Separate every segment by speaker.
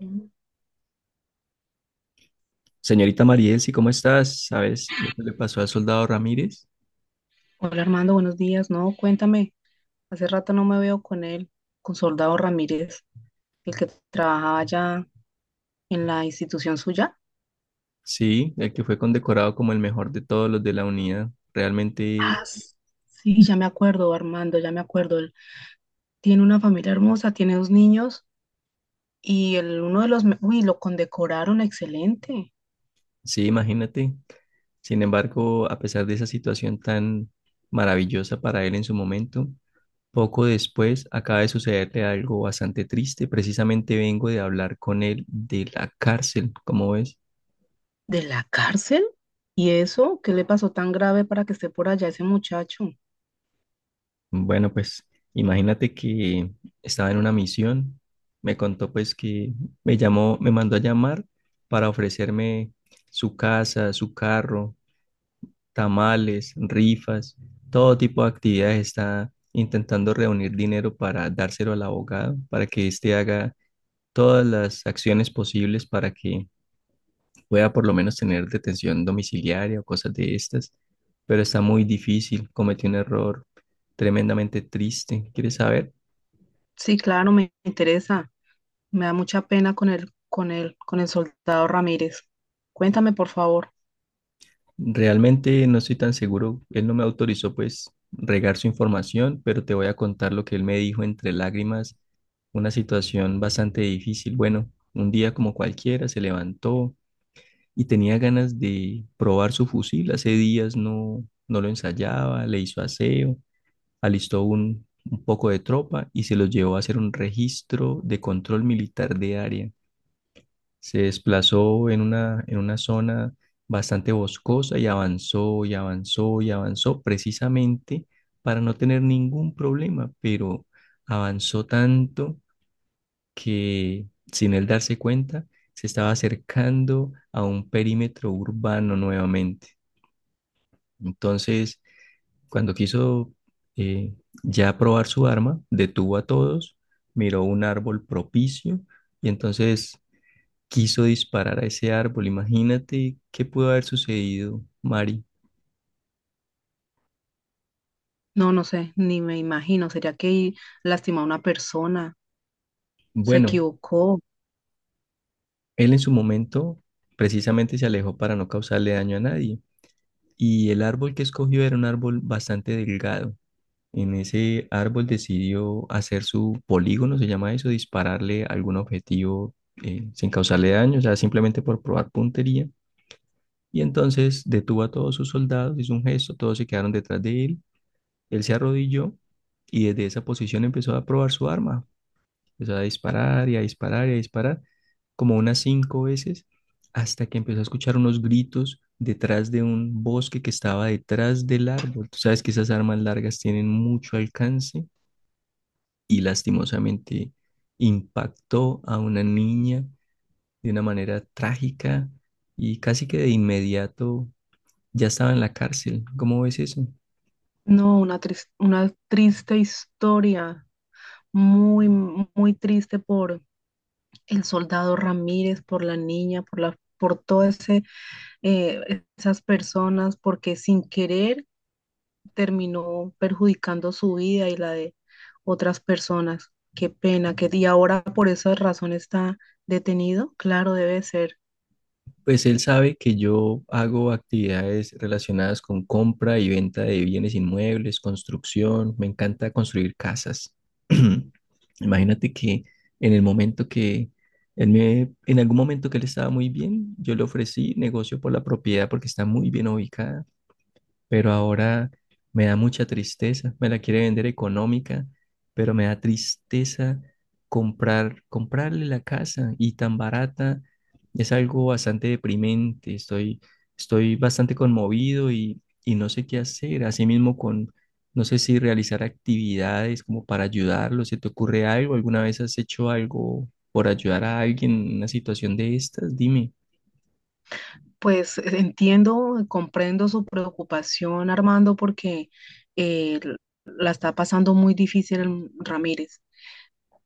Speaker 1: Mm.
Speaker 2: Señorita Mariel, sí, ¿cómo estás? ¿Sabes lo que le pasó al soldado Ramírez?
Speaker 1: Hola Armando, buenos días. No, cuéntame, hace rato no me veo con él, con Soldado Ramírez, el que trabajaba allá en la institución suya.
Speaker 2: Sí, el que fue condecorado como el mejor de todos los de la unidad.
Speaker 1: Ah,
Speaker 2: Realmente,
Speaker 1: s- sí, ya me acuerdo, Armando, ya me acuerdo. Él tiene una familia hermosa, tiene dos niños y el, uno de los, me- uy, lo condecoraron excelente.
Speaker 2: sí, imagínate. Sin embargo, a pesar de esa situación tan maravillosa para él en su momento, poco después acaba de sucederle algo bastante triste. Precisamente vengo de hablar con él de la cárcel, ¿cómo ves?
Speaker 1: ¿De la cárcel? ¿Y eso? ¿Qué le pasó tan grave para que esté por allá ese muchacho?
Speaker 2: Bueno, pues imagínate que estaba en una misión, me contó pues que me llamó, me mandó a llamar para ofrecerme su casa, su carro, tamales, rifas, todo tipo de actividades. Está intentando reunir dinero para dárselo al abogado, para que éste haga todas las acciones posibles para que pueda por lo menos tener detención domiciliaria o cosas de estas, pero está muy difícil, cometió un error tremendamente triste. ¿Quieres saber?
Speaker 1: Sí, claro, me interesa. Me da mucha pena con el soldado Ramírez. Cuéntame, por favor.
Speaker 2: Realmente no estoy tan seguro. Él no me autorizó pues regar su información, pero te voy a contar lo que él me dijo entre lágrimas. Una situación bastante difícil. Bueno, un día como cualquiera se levantó y tenía ganas de probar su fusil. Hace días no lo ensayaba, le hizo aseo, alistó un poco de tropa y se los llevó a hacer un registro de control militar de área. Se desplazó en una zona bastante boscosa y avanzó y avanzó y avanzó precisamente para no tener ningún problema, pero avanzó tanto que sin él darse cuenta se estaba acercando a un perímetro urbano nuevamente. Entonces, cuando quiso eh, ya probar su arma, detuvo a todos, miró un árbol propicio y entonces quiso disparar a ese árbol. Imagínate qué pudo haber sucedido, Mari.
Speaker 1: No, no sé, ni me imagino. ¿Sería que lastimó a una persona? ¿Se
Speaker 2: Bueno,
Speaker 1: equivocó?
Speaker 2: él en su momento precisamente se alejó para no causarle daño a nadie. Y el árbol que escogió era un árbol bastante delgado. En ese árbol decidió hacer su polígono, se llama eso, dispararle a algún objetivo sin causarle daño, o sea, simplemente por probar puntería. Y entonces detuvo a todos sus soldados, hizo un gesto, todos se quedaron detrás de él. Él se arrodilló y desde esa posición empezó a probar su arma. Empezó a disparar y a disparar y a disparar, como unas cinco veces, hasta que empezó a escuchar unos gritos detrás de un bosque que estaba detrás del árbol. Tú sabes que esas armas largas tienen mucho alcance y lastimosamente impactó a una niña de una manera trágica y casi que de inmediato ya estaba en la cárcel. ¿Cómo ves eso?
Speaker 1: No, una triste historia. Muy triste por el soldado Ramírez, por la niña, por todas esas personas, porque sin querer terminó perjudicando su vida y la de otras personas. Qué pena, que y ahora por esa razón está detenido. Claro, debe ser.
Speaker 2: Pues él sabe que yo hago actividades relacionadas con compra y venta de bienes inmuebles, construcción, me encanta construir casas. Imagínate que en el momento que él me, en algún momento que él estaba muy bien, yo le ofrecí negocio por la propiedad porque está muy bien ubicada pero ahora me da mucha tristeza. Me la quiere vender económica, pero me da tristeza comprar, comprarle la casa y tan barata. Es algo bastante deprimente. Estoy, estoy bastante conmovido y no sé qué hacer. Asimismo con, no sé si realizar actividades como para ayudarlo. ¿Se te ocurre algo? ¿Alguna vez has hecho algo por ayudar a alguien en una situación de estas? Dime.
Speaker 1: Pues entiendo, comprendo su preocupación, Armando, porque eh, la está pasando muy difícil Ramírez.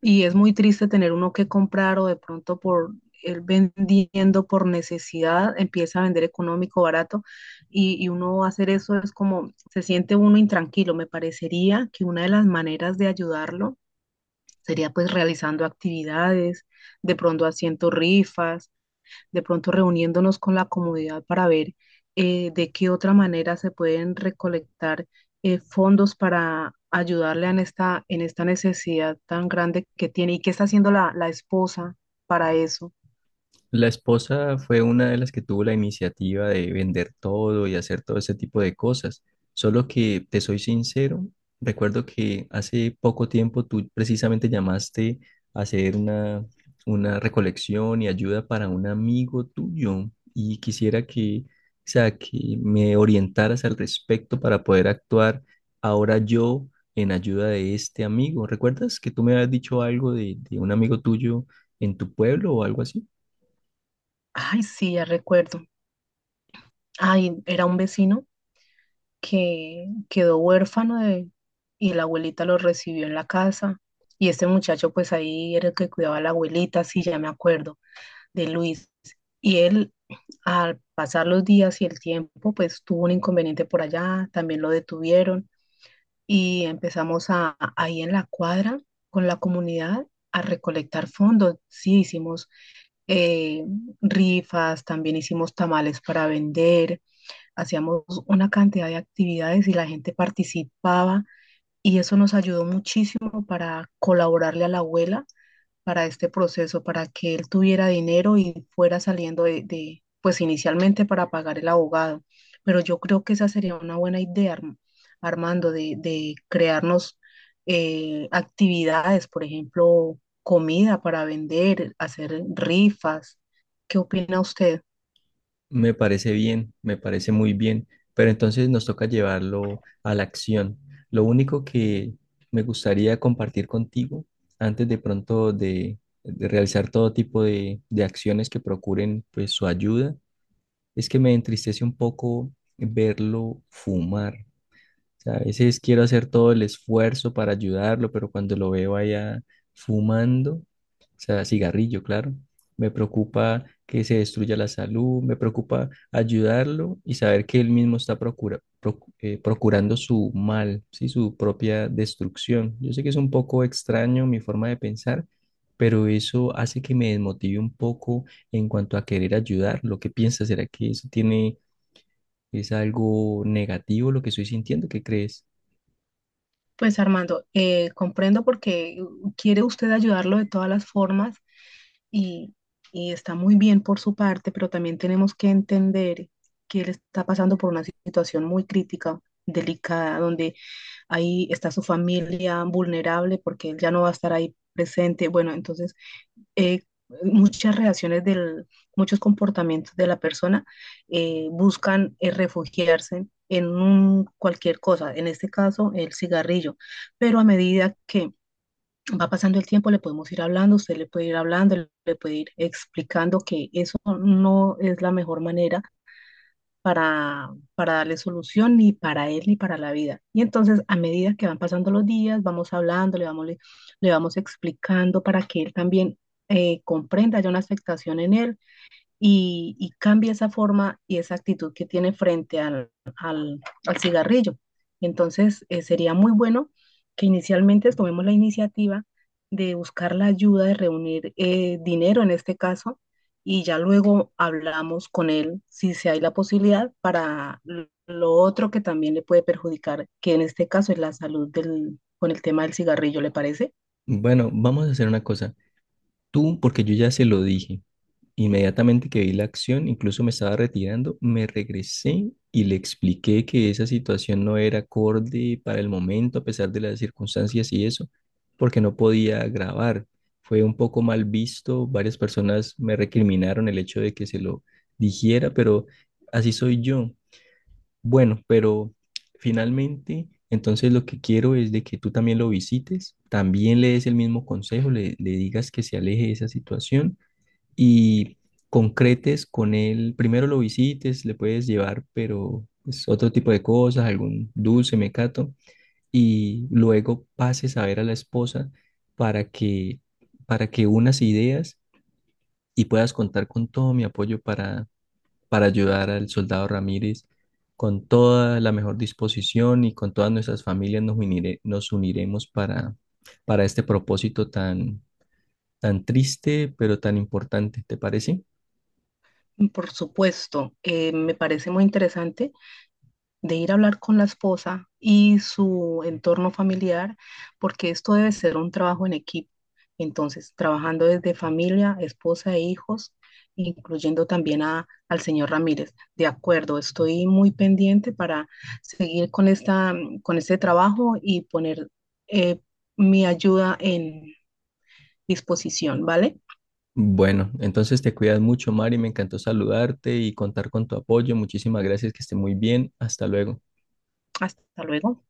Speaker 1: Y es muy triste tener uno que comprar o de pronto por él vendiendo por necesidad, empieza a vender económico, barato, y uno hacer eso es como, se siente uno intranquilo. Me parecería que una de las maneras de ayudarlo sería pues realizando actividades, de pronto haciendo rifas, de pronto reuniéndonos con la comunidad para ver de qué otra manera se pueden recolectar fondos para ayudarle en esta necesidad tan grande que tiene y qué está haciendo la esposa para eso.
Speaker 2: La esposa fue una de las que tuvo la iniciativa de vender todo y hacer todo ese tipo de cosas. Solo que te soy sincero, recuerdo que hace poco tiempo tú precisamente llamaste a hacer una recolección y ayuda para un amigo tuyo y quisiera que, o sea, que me orientaras al respecto para poder actuar ahora yo en ayuda de este amigo. ¿Recuerdas que tú me habías dicho algo de un amigo tuyo en tu pueblo o algo así?
Speaker 1: Ay, sí, ya recuerdo. Ay, era un vecino que quedó huérfano de, y la abuelita lo recibió en la casa. Y este muchacho, pues ahí era el que cuidaba a la abuelita, sí, ya me acuerdo de Luis. Y él, al pasar los días y el tiempo, pues tuvo un inconveniente por allá, también lo detuvieron y empezamos a, ahí en la cuadra con la comunidad a recolectar fondos. Sí, hicimos eh, rifas, también hicimos tamales para vender, hacíamos una cantidad de actividades y la gente participaba y eso nos ayudó muchísimo para colaborarle a la abuela para este proceso, para que él tuviera dinero y fuera saliendo pues inicialmente para pagar el abogado. Pero yo creo que esa sería una buena idea, Armando, de crearnos actividades, por ejemplo, comida para vender, hacer rifas. ¿Qué opina usted?
Speaker 2: Me parece bien, me parece muy bien, pero entonces nos toca llevarlo a la acción. Lo único que me gustaría compartir contigo antes de pronto de realizar todo tipo de acciones que procuren pues su ayuda, es que me entristece un poco verlo fumar sea, a veces quiero hacer todo el esfuerzo para ayudarlo, pero cuando lo veo allá fumando, o sea, cigarrillo, claro, me preocupa que se destruya la salud, me preocupa ayudarlo y saber que él mismo está procurando su mal, ¿sí? Su propia destrucción. Yo sé que es un poco extraño mi forma de pensar, pero eso hace que me desmotive un poco en cuanto a querer ayudar. ¿Lo que piensas? ¿Será que eso tiene, es algo negativo lo que estoy sintiendo? ¿Qué crees?
Speaker 1: Pues Armando, comprendo porque quiere usted ayudarlo de todas las formas y, y está muy bien por su parte, pero también tenemos que entender que él está pasando por una situación muy crítica, delicada, donde ahí está su familia vulnerable porque él ya no va a estar ahí presente. Bueno, entonces eh, muchas reacciones del, muchos comportamientos de la persona buscan refugiarse en cualquier cosa, en este caso el cigarrillo, pero a medida que va pasando el tiempo le podemos ir hablando, usted le puede ir hablando, le puede ir explicando que eso no es la mejor manera para darle solución ni para él ni para la vida. Y entonces, a medida que van pasando los días, vamos hablando, le vamos explicando para que él también comprenda, haya una afectación en él y cambia esa forma y esa actitud que tiene frente al, al cigarrillo. Entonces, sería muy bueno que inicialmente tomemos la iniciativa de buscar la ayuda, de reunir dinero en este caso, y ya luego hablamos con él si se hay la posibilidad para lo otro que también le puede perjudicar, que en este caso es la salud del, con el tema del cigarrillo, ¿le parece?
Speaker 2: Bueno, vamos a hacer una cosa. Tú, porque yo ya se lo dije, inmediatamente que vi la acción, incluso me estaba retirando, me regresé y le expliqué que esa situación no era acorde para el momento, a pesar de las circunstancias y eso, porque no podía grabar. Fue un poco mal visto, varias personas me recriminaron el hecho de que se lo dijera, pero así soy yo. Bueno, pero finalmente, entonces lo que quiero es de que tú también lo visites, también le des el mismo consejo, le digas que se aleje de esa situación y concretes con él. Primero lo visites, le puedes llevar, pero pues, otro tipo de cosas, algún dulce, mecato, y luego pases a ver a la esposa para que, para que unas ideas y puedas contar con todo mi apoyo para ayudar al soldado Ramírez. Con toda la mejor disposición y con todas nuestras familias nos uniremos para este propósito tan, tan triste, pero tan importante, ¿te parece?
Speaker 1: Por supuesto, me parece muy interesante de ir a hablar con la esposa y su entorno familiar, porque esto debe ser un trabajo en equipo. Entonces, trabajando desde familia, esposa e hijos, incluyendo también al señor Ramírez. De acuerdo, estoy muy pendiente para seguir con esta, con este trabajo y poner eh, mi ayuda en disposición, ¿vale?
Speaker 2: Bueno, entonces te cuidas mucho, Mari. Me encantó saludarte y contar con tu apoyo. Muchísimas gracias, que esté muy bien. Hasta luego.
Speaker 1: Hasta luego.